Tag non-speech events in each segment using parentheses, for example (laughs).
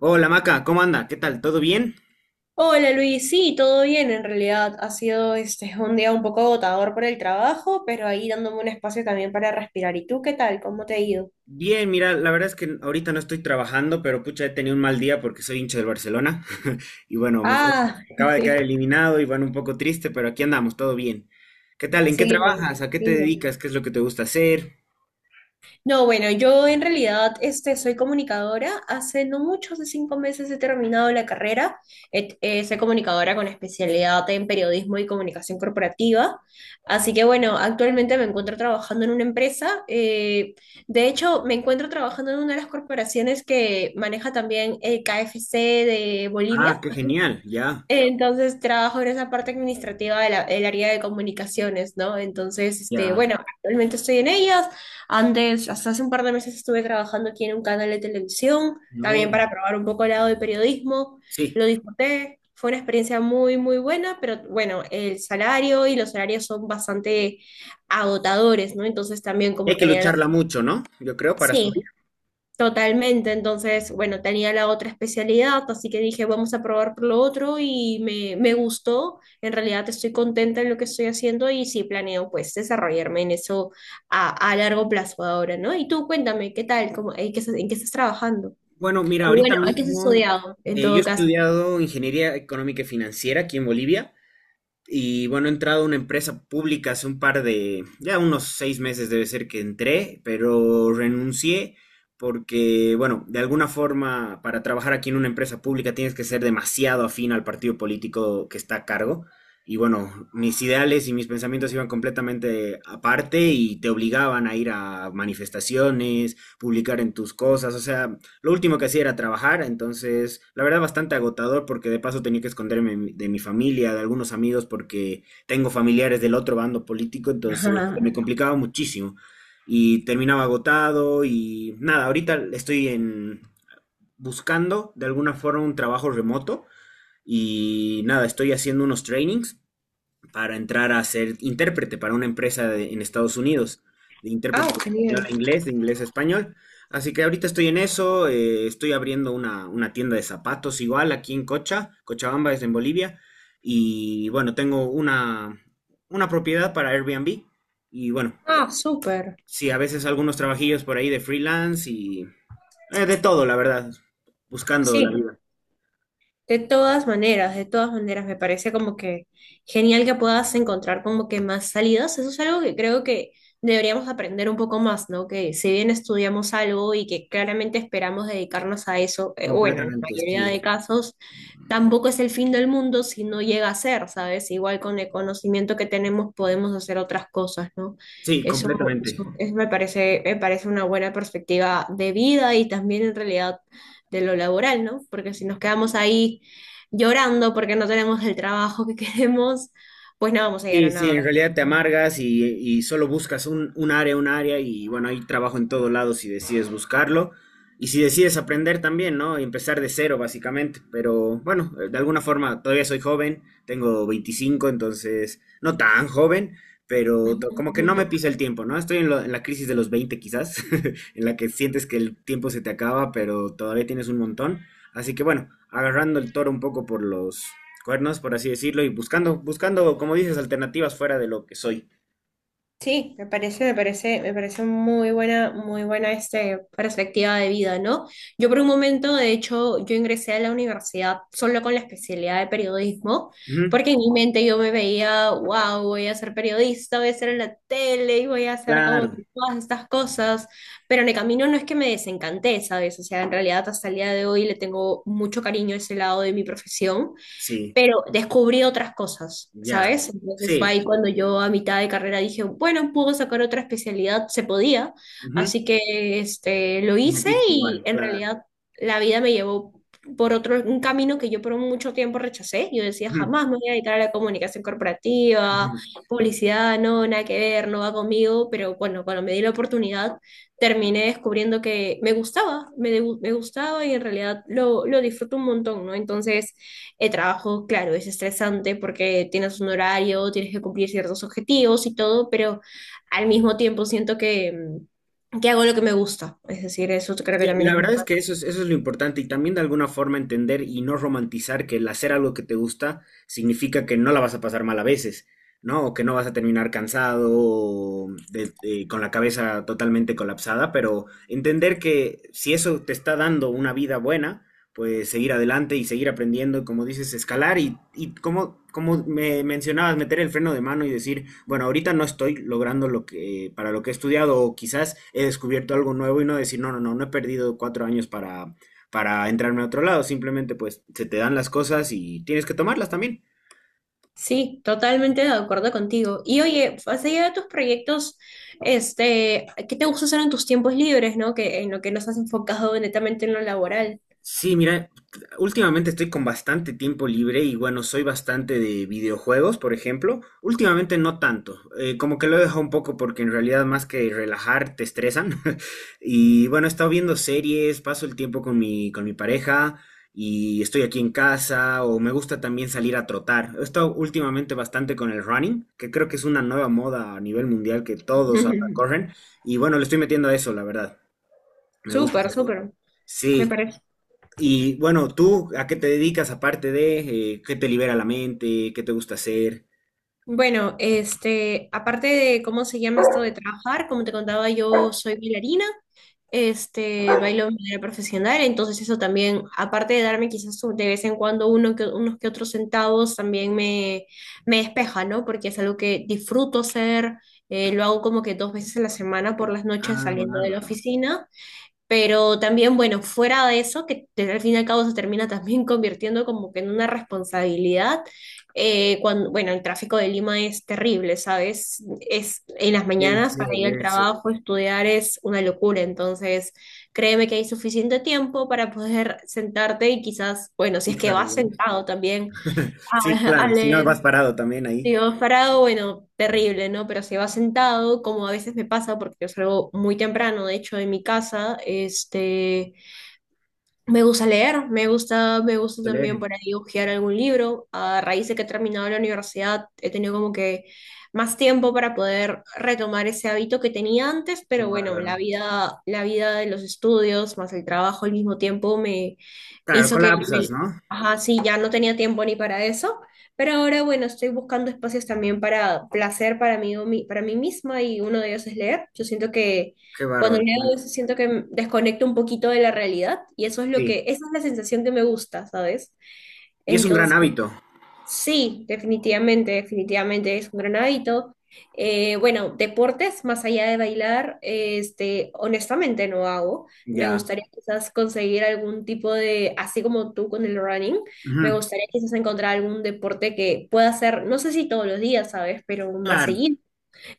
Hola Maca, ¿cómo anda? ¿Qué tal? ¿Todo bien? Hola Luis, sí, todo bien en realidad. Ha sido un día un poco agotador por el trabajo, pero ahí dándome un espacio también para respirar. ¿Y tú qué tal? ¿Cómo te ha ido? Bien, mira, la verdad es que ahorita no estoy trabajando, pero pucha, he tenido un mal día porque soy hincha del Barcelona. (laughs) Y bueno, Ah, acaba de quedar (laughs) eliminado y bueno, un poco triste, pero aquí andamos, todo bien. ¿Qué tal? ¿En qué sí, me trabajas? ¿A qué te imagino. dedicas? ¿Qué es lo que te gusta hacer? No, bueno, yo en realidad soy comunicadora. Hace no mucho, hace cinco meses he terminado la carrera. Soy comunicadora con especialidad en periodismo y comunicación corporativa. Así que bueno, actualmente me encuentro trabajando en una empresa. De hecho, me encuentro trabajando en una de las corporaciones que maneja también el KFC de Ah, Bolivia. qué genial, ya, Entonces trabajo en esa parte administrativa de del área de comunicaciones, ¿no? Entonces, ya. bueno, actualmente estoy en ellas. Antes, hasta hace un par de meses estuve trabajando aquí en un canal de televisión, también No, para probar un poco el lado de periodismo. sí, Lo disfruté, fue una experiencia muy, muy buena, pero bueno, el salario y los salarios son bastante agotadores, ¿no? Entonces también hay como que tenía la… lucharla mucho, ¿no? Yo creo, para subir. Sí. Totalmente, entonces, bueno, tenía la otra especialidad, así que dije, vamos a probar por lo otro y me gustó, en realidad estoy contenta en lo que estoy haciendo y sí planeo pues desarrollarme en eso a largo plazo ahora, ¿no? Y tú cuéntame, ¿qué tal? ¿Cómo, en qué, en qué estás trabajando? Bueno, mira, Bueno, ahorita ¿a qué has mismo estudiado en yo he todo caso? estudiado ingeniería económica y financiera aquí en Bolivia. Y bueno, he entrado a una empresa pública hace ya unos 6 meses debe ser que entré, pero renuncié porque, bueno, de alguna forma para trabajar aquí en una empresa pública tienes que ser demasiado afín al partido político que está a cargo. Y bueno, mis ideales y mis pensamientos iban completamente aparte y te obligaban a ir a manifestaciones, publicar en tus cosas, o sea, lo último que hacía era trabajar, entonces la verdad bastante agotador porque de paso tenía que esconderme de mi familia, de algunos amigos porque tengo familiares del otro bando político, (laughs) entonces se me Ajá. complicaba muchísimo y terminaba agotado y nada, ahorita estoy en buscando de alguna forma un trabajo remoto y nada, estoy haciendo unos trainings para entrar a ser intérprete para una empresa en Estados Unidos, de intérprete Ah, de español genial. a inglés, de inglés a español. Así que ahorita estoy en eso, estoy abriendo una tienda de zapatos igual aquí en Cochabamba es en Bolivia, y bueno, tengo una propiedad para Airbnb, y bueno, Ah, súper. sí, a veces algunos trabajillos por ahí de freelance y de todo, la verdad, buscando la Sí. vida. De todas maneras, me parece como que genial que puedas encontrar como que más salidas. Eso es algo que creo que deberíamos aprender un poco más, ¿no? Que si bien estudiamos algo y que claramente esperamos dedicarnos a eso, bueno, en la Completamente, mayoría sí, de casos, tampoco es el fin del mundo si no llega a ser, ¿sabes? Igual con el conocimiento que tenemos podemos hacer otras cosas, ¿no? sí, Eso, completamente. Eso me parece una buena perspectiva de vida y también en realidad de lo laboral, ¿no? Porque si nos quedamos ahí llorando porque no tenemos el trabajo que (laughs) queremos, pues no vamos a llegar Sí, a sí, nada de en esto. realidad te amargas y solo buscas un área y bueno, hay trabajo en todos lados si decides buscarlo y si decides aprender también, ¿no? Y empezar de cero básicamente, pero bueno, de alguna forma todavía soy joven, tengo 25, entonces no tan joven, pero como que no me (laughs) pisa el tiempo, ¿no? Estoy en la crisis de los 20 quizás, (laughs) en la que sientes que el tiempo se te acaba, pero todavía tienes un montón, así que bueno, agarrando el toro un poco por los cuernos, por así decirlo, y buscando, buscando, como dices, alternativas fuera de lo que soy. Sí, me parece, me parece, me parece muy buena perspectiva de vida, ¿no? Yo por un momento, de hecho, yo ingresé a la universidad solo con la especialidad de periodismo, Ujú, porque en mi mente yo me veía, wow, voy a ser periodista, voy a ser en la tele y voy a hacer como claro, que todas estas cosas, pero en el camino no es que me desencanté, ¿sabes? O sea, en realidad hasta el día de hoy le tengo mucho cariño a ese lado de mi profesión, sí, pero descubrí otras cosas, ya, ¿sabes? Entonces fue sí, ahí cuando yo a mitad de carrera dije, bueno, puedo sacar otra especialidad, se podía, ujú, así que lo me hice metiste y igual, en claro. realidad la vida me llevó por otro, un camino que yo por mucho tiempo rechacé, yo decía, Ujú. jamás me voy a dedicar a la comunicación corporativa, Ujú. publicidad, no, nada que ver, no va conmigo, pero bueno, cuando me di la oportunidad, terminé descubriendo que me gustaba, me gustaba y en realidad lo disfruto un montón, ¿no? Entonces… El trabajo, claro, es estresante porque tienes un horario, tienes que cumplir ciertos objetivos y todo, pero al mismo tiempo siento que, que hago lo que me gusta. Es decir, eso creo que Sí, también la es muy verdad es que válido. eso es lo importante y también de alguna forma entender y no romantizar que el hacer algo que te gusta significa que no la vas a pasar mal a veces, ¿no? O que no vas a terminar cansado con la cabeza totalmente colapsada, pero entender que si eso te está dando una vida buena, pues seguir adelante y seguir aprendiendo, y como dices, escalar y como, como me mencionabas, meter el freno de mano y decir, bueno, ahorita no estoy logrando lo que, para lo que he estudiado o quizás he descubierto algo nuevo y no decir, no, no, no, no he perdido 4 años para entrarme a otro lado, simplemente pues se te dan las cosas y tienes que tomarlas también. Sí, totalmente de acuerdo contigo. Y oye, más allá de tus proyectos, ¿qué te gusta hacer en tus tiempos libres, no? Que en lo que no estás enfocado netamente en lo laboral. Sí, mira, últimamente estoy con bastante tiempo libre y bueno, soy bastante de videojuegos, por ejemplo. Últimamente no tanto, como que lo he dejado un poco porque en realidad más que relajar te estresan. (laughs) Y bueno, he estado viendo series, paso el tiempo con mi pareja y estoy aquí en casa o me gusta también salir a trotar. He estado últimamente bastante con el running, que creo que es una nueva moda a nivel mundial que todos ahora (laughs) corren. Y bueno, le estoy metiendo a eso, la verdad. Me gusta. Súper, súper, me Sí, parece. y bueno, ¿tú a qué te dedicas aparte de qué te libera la mente, qué te gusta hacer? Bueno, aparte de cómo se llama esto de trabajar, como te contaba, yo soy bailarina. Bailo de manera profesional, entonces eso también, aparte de darme quizás de vez en cuando uno que, unos que otros centavos, también me despeja, ¿no? Porque es algo que disfruto hacer, lo hago como que dos veces a la semana por las noches Ah, saliendo de la bárbaro. oficina, pero también, bueno, fuera de eso, que al fin y al cabo se termina también (laughs) convirtiendo como que en una responsabilidad, cuando, bueno, el tráfico de Lima es terrible, ¿sabes? Es, en las Debe mañanas para ser, ir al debe ser. trabajo, estudiar es una locura, entonces créeme que hay suficiente tiempo para poder (laughs) sentarte y quizás, bueno, si es Es que vas arduo, ¿no? sentado también Sí, a claro, si no leer. vas parado también ahí. Si vas parado, bueno, terrible, ¿no? Pero si vas sentado, como a veces me pasa, porque yo salgo muy temprano, de hecho, de mi casa, Me gusta leer, me gusta también Toleren. por ahí hojear algún libro. A raíz de que he terminado la universidad, he tenido como que más tiempo para poder retomar ese hábito que tenía antes, Qué pero bueno, bárbaro. La vida de los estudios más el trabajo al mismo tiempo me Claro, hizo que, colapsas, ¿no? ajá, sí, ya no tenía tiempo ni para eso, pero ahora bueno, estoy buscando espacios también para placer para mí, o para mí misma y uno de ellos es leer. Yo siento que Qué cuando bárbaro. leo Bueno, eso siento que desconecto un poquito de la realidad y eso es lo sí. que, esa es la sensación que me gusta, ¿sabes? Y es un gran Entonces, hábito. sí, definitivamente, definitivamente es un gran hábito. Bueno, deportes, más allá de bailar, honestamente no hago. Me Ya. gustaría quizás conseguir algún tipo de, así como tú con el running, me Ujú. gustaría quizás encontrar algún deporte que pueda hacer, no sé si todos los días, ¿sabes? Pero más Claro. seguido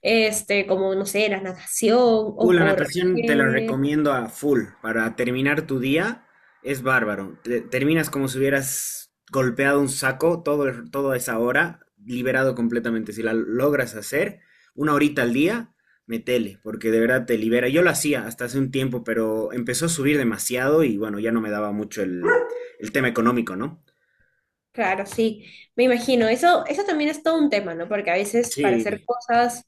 como, no sé, la natación o La natación te la correr. recomiendo a full. Para terminar tu día es bárbaro. Terminas como si hubieras golpeado un saco todo, toda esa hora, liberado completamente. Si la logras hacer, una horita al día, metele, porque de verdad te libera. Yo lo hacía hasta hace un tiempo, pero empezó a subir demasiado y bueno, ya no me daba mucho el tema económico, ¿no? Claro, sí, me imagino. Eso también es todo un tema, ¿no? Porque a veces para hacer Sí, cosas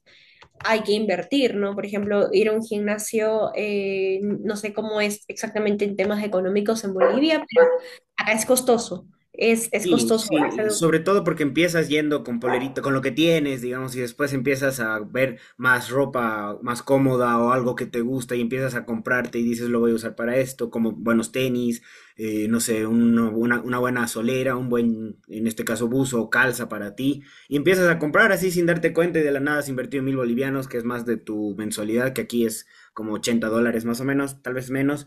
hay que invertir, ¿no? Por ejemplo, ir a un gimnasio, no sé cómo es exactamente en temas económicos en Bolivia, pero acá es costoso, es sí, costoso. sí, y sobre todo porque empiezas yendo con polerito, con lo que tienes, digamos, y después empiezas a ver más ropa más cómoda o algo que te gusta y empiezas a comprarte y dices lo voy a usar para esto, como buenos tenis, no sé, una buena solera, un buen, en este caso, buzo o calza para ti, y empiezas a comprar así sin darte cuenta y de la nada has invertido 1000 bolivianos, que es más de tu mensualidad, que aquí es como 80 dólares más o menos, tal vez menos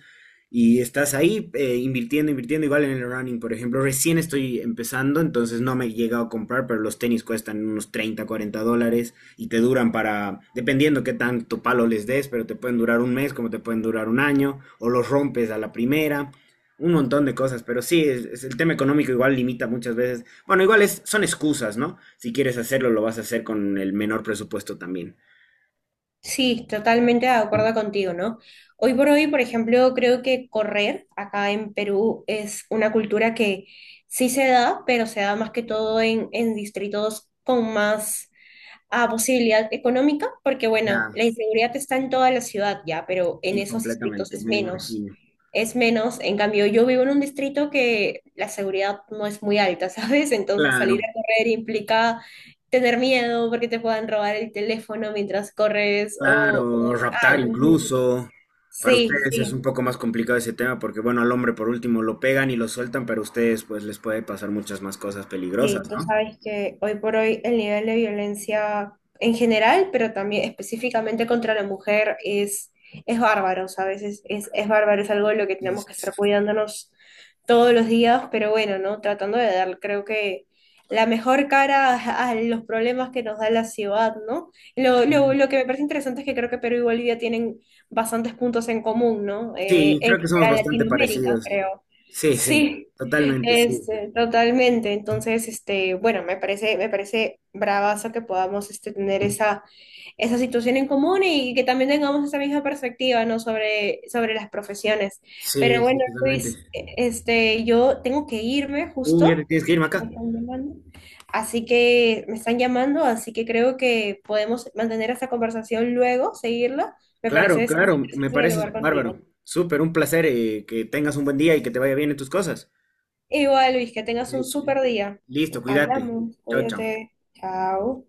y estás ahí invirtiendo, invirtiendo igual en el running, por ejemplo. Recién estoy empezando, entonces no me he llegado a comprar, pero los tenis cuestan unos 30 40 dólares y te duran para, dependiendo qué tanto palo les des, pero te pueden durar un mes, como te pueden durar un año, o los rompes a la primera, un montón de cosas. Pero sí, es el tema económico igual limita muchas veces. Bueno, igual es, son excusas, ¿no? Si quieres hacerlo, lo vas a hacer con el menor presupuesto también. Sí, totalmente de acuerdo contigo, ¿no? Hoy por hoy, por ejemplo, creo que correr acá en Perú es una cultura que sí se da, pero se da más que todo en distritos con más a posibilidad económica, porque bueno, Ya, la inseguridad está en toda la ciudad ya, pero en sí, esos distritos completamente, es me menos. imagino. Es menos, en cambio, yo vivo en un distrito que la seguridad no es muy alta, (laughs) ¿sabes? Entonces salir Claro. a correr implica tener miedo porque te puedan robar el teléfono mientras corres o Claro, raptar algo. incluso. Para Sí, ustedes es un sí. poco más complicado ese tema porque, bueno, al hombre por último lo pegan y lo sueltan, pero a ustedes pues les puede pasar muchas más cosas Sí, peligrosas, tú ¿no? sabes que hoy por hoy el nivel de violencia en general, pero también específicamente contra la mujer, es bárbaro, ¿sabes? Es bárbaro, es algo de lo que tenemos que estar es- cuidándonos todos los días, pero bueno, ¿no? Tratando de dar, creo que la mejor cara a los problemas que nos da la ciudad, ¿no? Lo que me parece interesante es que creo que Perú y Bolivia tienen bastantes puntos en común, ¿no? Sí, En creo que somos general bastante Latinoamérica, parecidos. creo. Sí, sí, Sí. totalmente, sí. Totalmente. Entonces, bueno, me parece bravazo que podamos tener esa, esa situación en común y que también tengamos esa misma perspectiva, ¿no? Sobre, sobre las profesiones. Pero Sí, sí, bueno, totalmente. Luis, yo tengo que irme Uy, ya te justo. tienes que Me ir, acá. están llamando. Así que me están llamando, así que creo que podemos mantener esta conversación luego, seguirla. Me parece Claro, claro, me interesante parece dialogar bárbaro. contigo. Súper, un placer, que tengas un buen día y que te vaya bien en tus cosas. Igual, Luis, que tengas un Li- súper día. Listo, cuídate. Hablamos, Chao, chao. cuídate. Chao.